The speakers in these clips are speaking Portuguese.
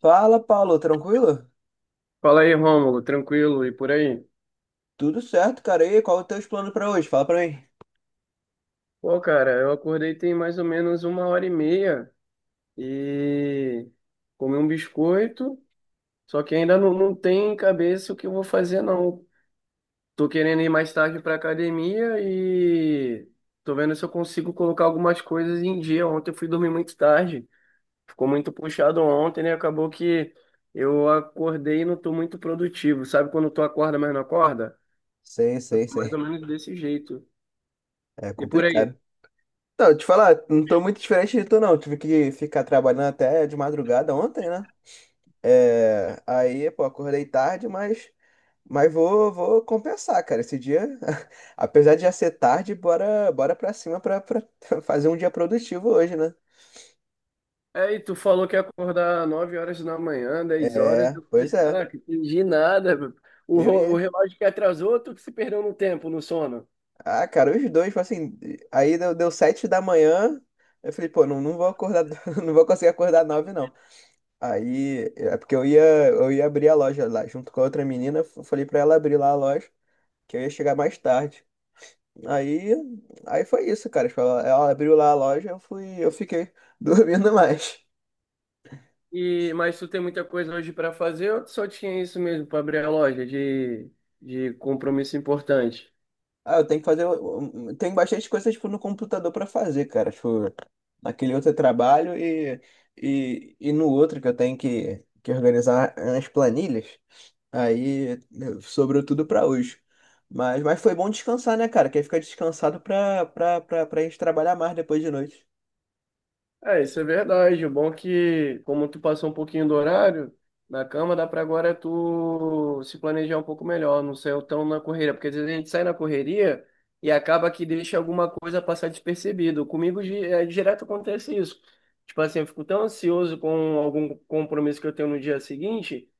Fala, Paulo, tranquilo? Fala aí, Rômulo, tranquilo e por aí? Tudo certo, cara. E aí, qual é o teu plano pra hoje? Fala pra mim. Pô, cara, eu acordei tem mais ou menos uma hora e meia e comi um biscoito, só que ainda não tem em cabeça o que eu vou fazer, não. Tô querendo ir mais tarde pra academia e tô vendo se eu consigo colocar algumas coisas em dia. Ontem eu fui dormir muito tarde, ficou muito puxado ontem, né? Acabou que eu acordei e não tô muito produtivo. Sabe quando tu acorda, mas não acorda? Sei, sei, Mais ou sei. menos desse jeito. É E por aí? complicado. Então, te falar, não tô muito diferente de tu, não. Tive que ficar trabalhando até de madrugada ontem, né? É, aí, pô, acordei tarde, mas, mas vou compensar, cara. Esse dia, apesar de já ser tarde, bora pra cima pra fazer um dia produtivo hoje, né? Aí tu falou que ia acordar 9 horas da manhã, 10 horas. É, Eu falei, pois é. caraca, entendi nada, meu. Eu O ia. relógio que atrasou, tu que se perdeu no tempo, no sono. Ah, cara, os dois, tipo assim, aí deu sete da manhã, eu falei, pô, não vou acordar, não vou conseguir acordar nove, não. Aí, é porque eu ia abrir a loja lá, junto com a outra menina, eu falei pra ela abrir lá a loja, que eu ia chegar mais tarde. Aí, aí foi isso, cara, tipo, ela abriu lá a loja, eu fui, eu fiquei dormindo mais. E, mas tu tem muita coisa hoje para fazer, ou tu só tinha isso mesmo para abrir a loja de compromisso importante? Ah, eu tenho que fazer. Tem bastante coisa, tipo, no computador pra fazer, cara. Tipo, naquele outro eu trabalho e, e no outro que eu tenho que organizar as planilhas. Aí sobrou tudo pra hoje. Mas foi bom descansar, né, cara? Que aí fica descansado pra, pra, pra, pra gente trabalhar mais depois de noite. É, isso é verdade. O bom é que, como tu passou um pouquinho do horário na cama, dá pra agora tu se planejar um pouco melhor, não ser tão na correria, porque às vezes a gente sai na correria e acaba que deixa alguma coisa passar despercebido. É, direto acontece isso. Tipo assim, eu fico tão ansioso com algum compromisso que eu tenho no dia seguinte,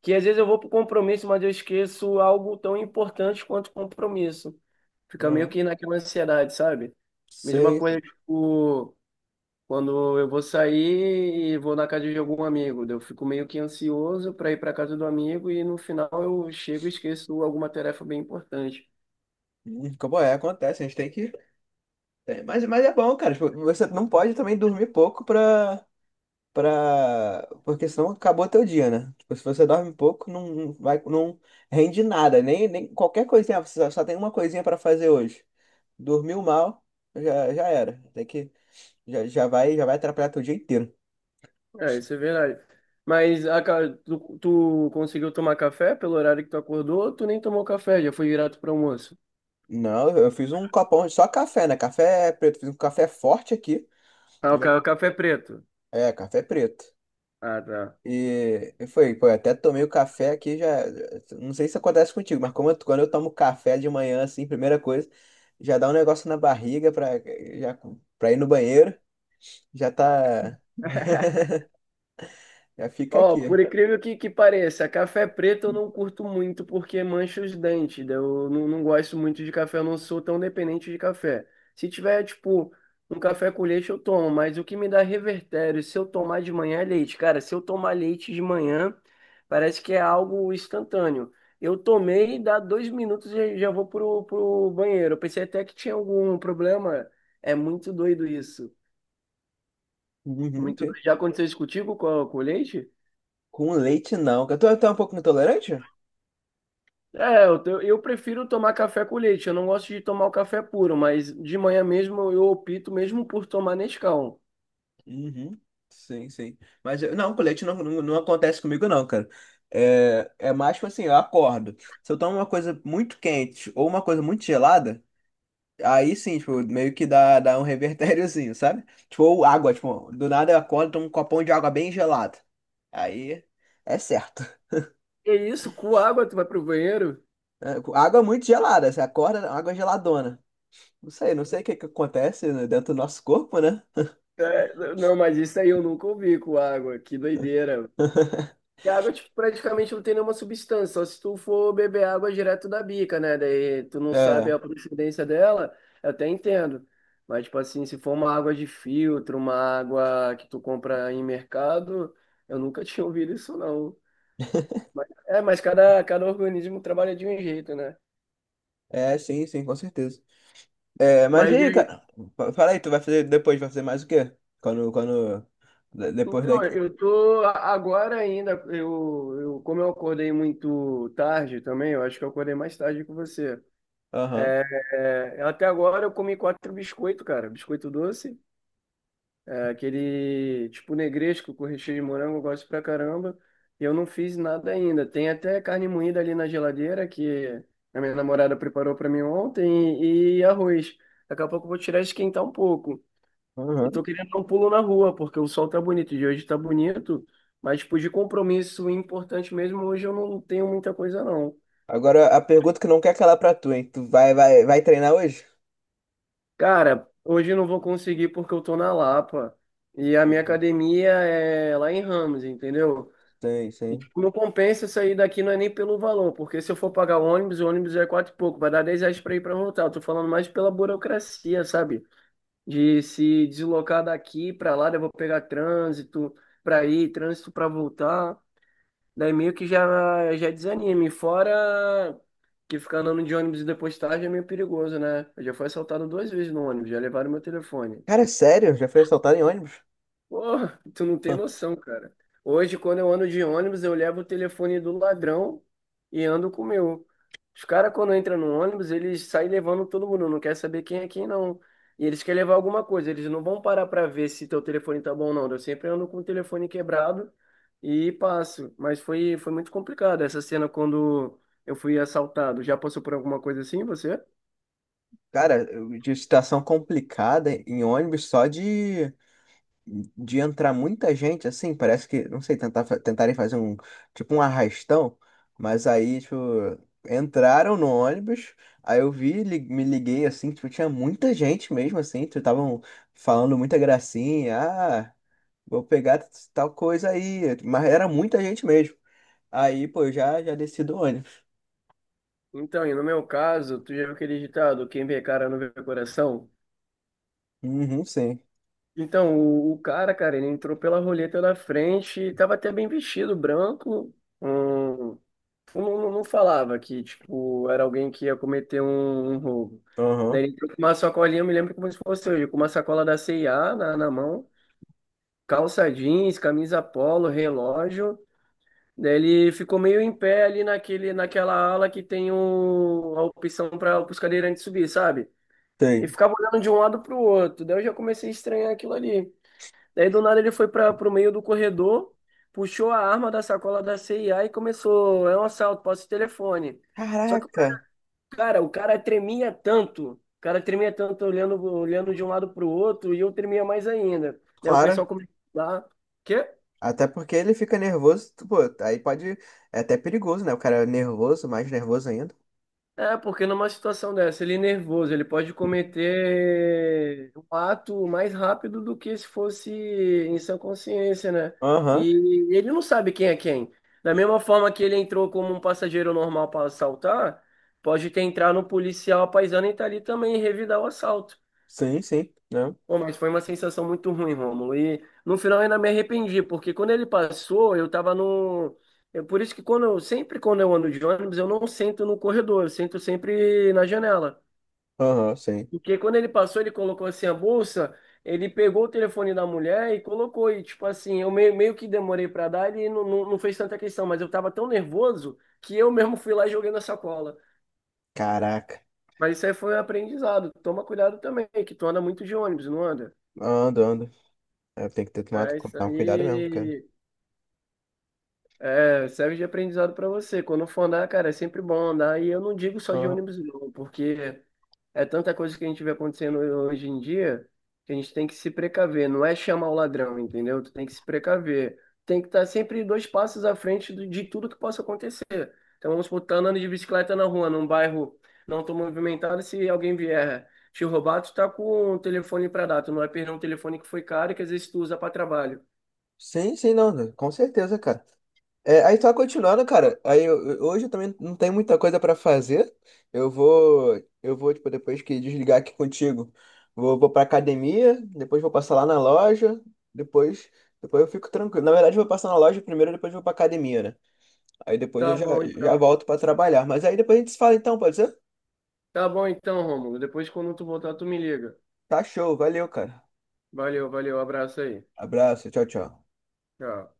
que às vezes eu vou pro compromisso, mas eu esqueço algo tão importante quanto o compromisso. Fica meio Uhum. que naquela ansiedade, sabe? Mesma Sei. coisa, Sei. tipo. Quando eu vou sair e vou na casa de algum amigo, daí eu fico meio que ansioso para ir para casa do amigo e no final eu chego e esqueço alguma tarefa bem importante. Como é, acontece, a gente tem que. Mas é bom, cara. Tipo, você não pode também dormir pouco pra. Porque senão acabou teu dia, né? Tipo, se você dorme pouco, não vai, não rende nada, nem, nem qualquer coisinha, você só tem uma coisinha pra fazer hoje. Dormiu mal, já era. Tem que, já vai atrapalhar teu dia inteiro. É, isso é verdade. Tu, conseguiu tomar café pelo horário que tu acordou ou tu nem tomou café? Já foi direto para almoço? Não, eu fiz um copão de só café, né? Café é preto, fiz um café forte aqui. Já- O café preto. É, café preto. Ah, tá. E foi, pô, eu até tomei o café aqui já. Não sei se acontece contigo, mas quando eu tomo café de manhã, assim, primeira coisa, já dá um negócio na barriga pra, já, pra ir no banheiro, já tá. Já fica Ó, aqui. por incrível que, pareça, café preto eu não curto muito porque mancha os dentes. Daí eu não gosto muito de café, eu não sou tão dependente de café. Se tiver, tipo, um café com leite, eu tomo, mas o que me dá revertério, se eu tomar de manhã é leite. Cara, se eu tomar leite de manhã, parece que é algo instantâneo. Eu tomei, dá 2 minutos e já vou pro banheiro. Eu pensei até que tinha algum problema. É muito doido isso. Uhum, Muito sim. doido. Já aconteceu isso contigo com, o leite? Com leite não. Eu tô um pouco intolerante? Eu prefiro tomar café com leite. Eu não gosto de tomar o café puro, mas de manhã mesmo eu opto mesmo por tomar Nescau. Uhum. Sim, sim. Não, com leite não, não acontece comigo, não, cara. É, é mais tipo assim, eu acordo. Se eu tomo uma coisa muito quente ou uma coisa muito gelada. Aí sim, tipo, meio que dá um revertériozinho, sabe? Tipo, ou água, tipo, do nada eu acordo, tomo um copão de água bem gelada. Aí é certo. Que isso, com água tu vai pro banheiro? É, água muito gelada, você acorda, água geladona. Não sei, não sei o que que acontece, né, dentro do nosso corpo, né? É, não, mas isso aí eu nunca ouvi com água. Que doideira. E a água tipo, praticamente não tem nenhuma substância, só se tu for beber água direto da bica, né? Daí tu não sabe É, a procedência dela, eu até entendo. Mas, tipo assim, se for uma água de filtro, uma água que tu compra em mercado, eu nunca tinha ouvido isso, não. É, mas cada organismo trabalha de um jeito, né? é, sim, sim, com certeza. É, mas e Mas aí, e- cara? Fala aí, tu vai fazer depois, vai fazer mais o quê? Quando, quando, depois então, daqui. Agora ainda, eu como eu acordei muito tarde também, eu acho que eu acordei mais tarde que você. Aham. É, até agora eu comi 4 biscoitos, cara. Biscoito doce, é, aquele tipo negresco com recheio de morango, eu gosto pra caramba. E eu não fiz nada ainda. Tem até carne moída ali na geladeira que a minha namorada preparou pra mim ontem e arroz. Daqui a pouco eu vou tirar e esquentar um pouco. E Uhum. tô querendo dar um pulo na rua, porque o sol tá bonito, de hoje tá bonito, mas tipo, de compromisso importante mesmo, hoje eu não tenho muita coisa não. Agora, a pergunta que não quer calar pra tu, hein? Tu vai treinar hoje? Cara, hoje eu não vou conseguir porque eu tô na Lapa e a minha Uhum. academia é lá em Ramos, entendeu? Sei, E sei. tipo, não compensa sair daqui não é nem pelo valor, porque se eu for pagar o ônibus é quatro e pouco, vai dar 10 reais pra ir pra voltar. Eu tô falando mais pela burocracia, sabe? De se deslocar daqui pra lá, daí eu vou pegar trânsito pra ir, trânsito pra voltar. Daí meio que já, já desanime. Fora que ficar andando de ônibus e depois tarde é meio perigoso, né? Eu já fui assaltado 2 vezes no ônibus, já levaram meu telefone. Cara, é sério, já foi assaltado em ônibus? Pô, tu não tem noção, cara. Hoje, quando eu ando de ônibus, eu levo o telefone do ladrão e ando com o meu. Os caras, quando entram no ônibus, eles saem levando todo mundo, não quer saber quem é quem, não. E eles querem levar alguma coisa, eles não vão parar pra ver se teu telefone tá bom ou não. Eu sempre ando com o telefone quebrado e passo. Mas foi muito complicado essa cena quando eu fui assaltado. Já passou por alguma coisa assim, você? Cara, de situação complicada em ônibus só de entrar muita gente, assim, parece que, não sei, tentarem fazer um, tipo um arrastão, mas aí, tipo, entraram no ônibus, aí eu vi, me liguei, assim, tipo, tinha muita gente mesmo, assim, tipo, estavam falando muita gracinha, ah, vou pegar tal coisa aí, mas era muita gente mesmo. Aí, pô, eu já, já desci do ônibus. Então, e no meu caso, tu já viu aquele ditado, quem vê cara não vê coração? Uhum, sim. Então, o cara, cara, ele entrou pela roleta na frente, e tava até bem vestido, branco. Hum, não falava que, tipo, era alguém que ia cometer um roubo. Aham, Daí ele entrou com uma sacolinha, eu me lembro como se fosse hoje, com uma sacola da C&A na mão, calça jeans, camisa polo, relógio. Daí ele ficou meio em pé ali naquela ala que tem a opção para os cadeirantes subir, sabe? E tem. ficava olhando de um lado pro outro. Daí eu já comecei a estranhar aquilo ali. Daí do nada ele foi para pro meio do corredor, puxou a arma da sacola da CIA e começou, é um assalto, posso o telefone. Só que o cara, Caraca, cara, o cara tremia tanto, o cara tremia tanto olhando, de um lado pro outro e eu tremia mais ainda. Daí o pessoal claro. começou a falar, "Quê? Até porque ele fica nervoso, pô, aí pode. É até perigoso, né? O cara é nervoso, mais nervoso ainda. É, porque numa situação dessa, ele é nervoso, ele pode cometer um ato mais rápido do que se fosse em sã consciência, né? Aham, E ele não sabe quem é quem. Da mesma forma que ele entrou como um passageiro normal para assaltar, pode ter entrado um policial paisano e tá ali também e revidar o assalto. sim, sim, né? Pô, mas foi uma sensação muito ruim, Rômulo. E no final eu ainda me arrependi, porque quando ele passou, eu tava no. É por isso que quando eu, sempre quando eu ando de ônibus, eu não sento no corredor, eu sento sempre na janela. Aham, sim. Porque quando ele passou, ele colocou assim a bolsa, ele pegou o telefone da mulher e colocou. E tipo assim, eu meio que demorei pra dar, ele não fez tanta questão, mas eu tava tão nervoso que eu mesmo fui lá e joguei na sacola. Caraca, Mas isso aí foi um aprendizado. Toma cuidado também, que tu anda muito de ônibus, não anda? ando, ando. É, tem que ter tomado, É, isso tomar cuidado mesmo, cara. aí. É, serve de aprendizado para você. Quando for andar, cara, é sempre bom andar. E eu não digo só de Aham. ônibus, não, porque é tanta coisa que a gente vê acontecendo hoje em dia que a gente tem que se precaver. Não é chamar o ladrão, entendeu? Tu tem que se precaver. Tem que estar sempre 2 passos à frente de tudo que possa acontecer. Então vamos supor, tá andando de bicicleta na rua, num bairro não tão movimentado, se alguém vier te roubar, tu tá com o telefone para dar. Tu não vai perder um telefone que foi caro e que às vezes tu usa para trabalho. Sim, sim, não, com certeza, cara. É, aí tá continuando, cara. Aí hoje eu também não tenho muita coisa pra fazer. Eu vou, eu vou tipo depois que desligar aqui contigo, vou para academia, depois vou passar lá na loja, depois, depois eu fico tranquilo. Na verdade, eu vou passar na loja primeiro, depois vou pra academia, né? Aí depois Tá eu já, bom, já então. volto pra trabalhar. Mas aí depois a gente se fala então, pode ser? Tá bom então, Rômulo. Depois, quando tu voltar, tu me liga. Tá show, valeu, cara. Valeu, valeu. Abraço aí. Abraço, tchau, tchau. Tchau.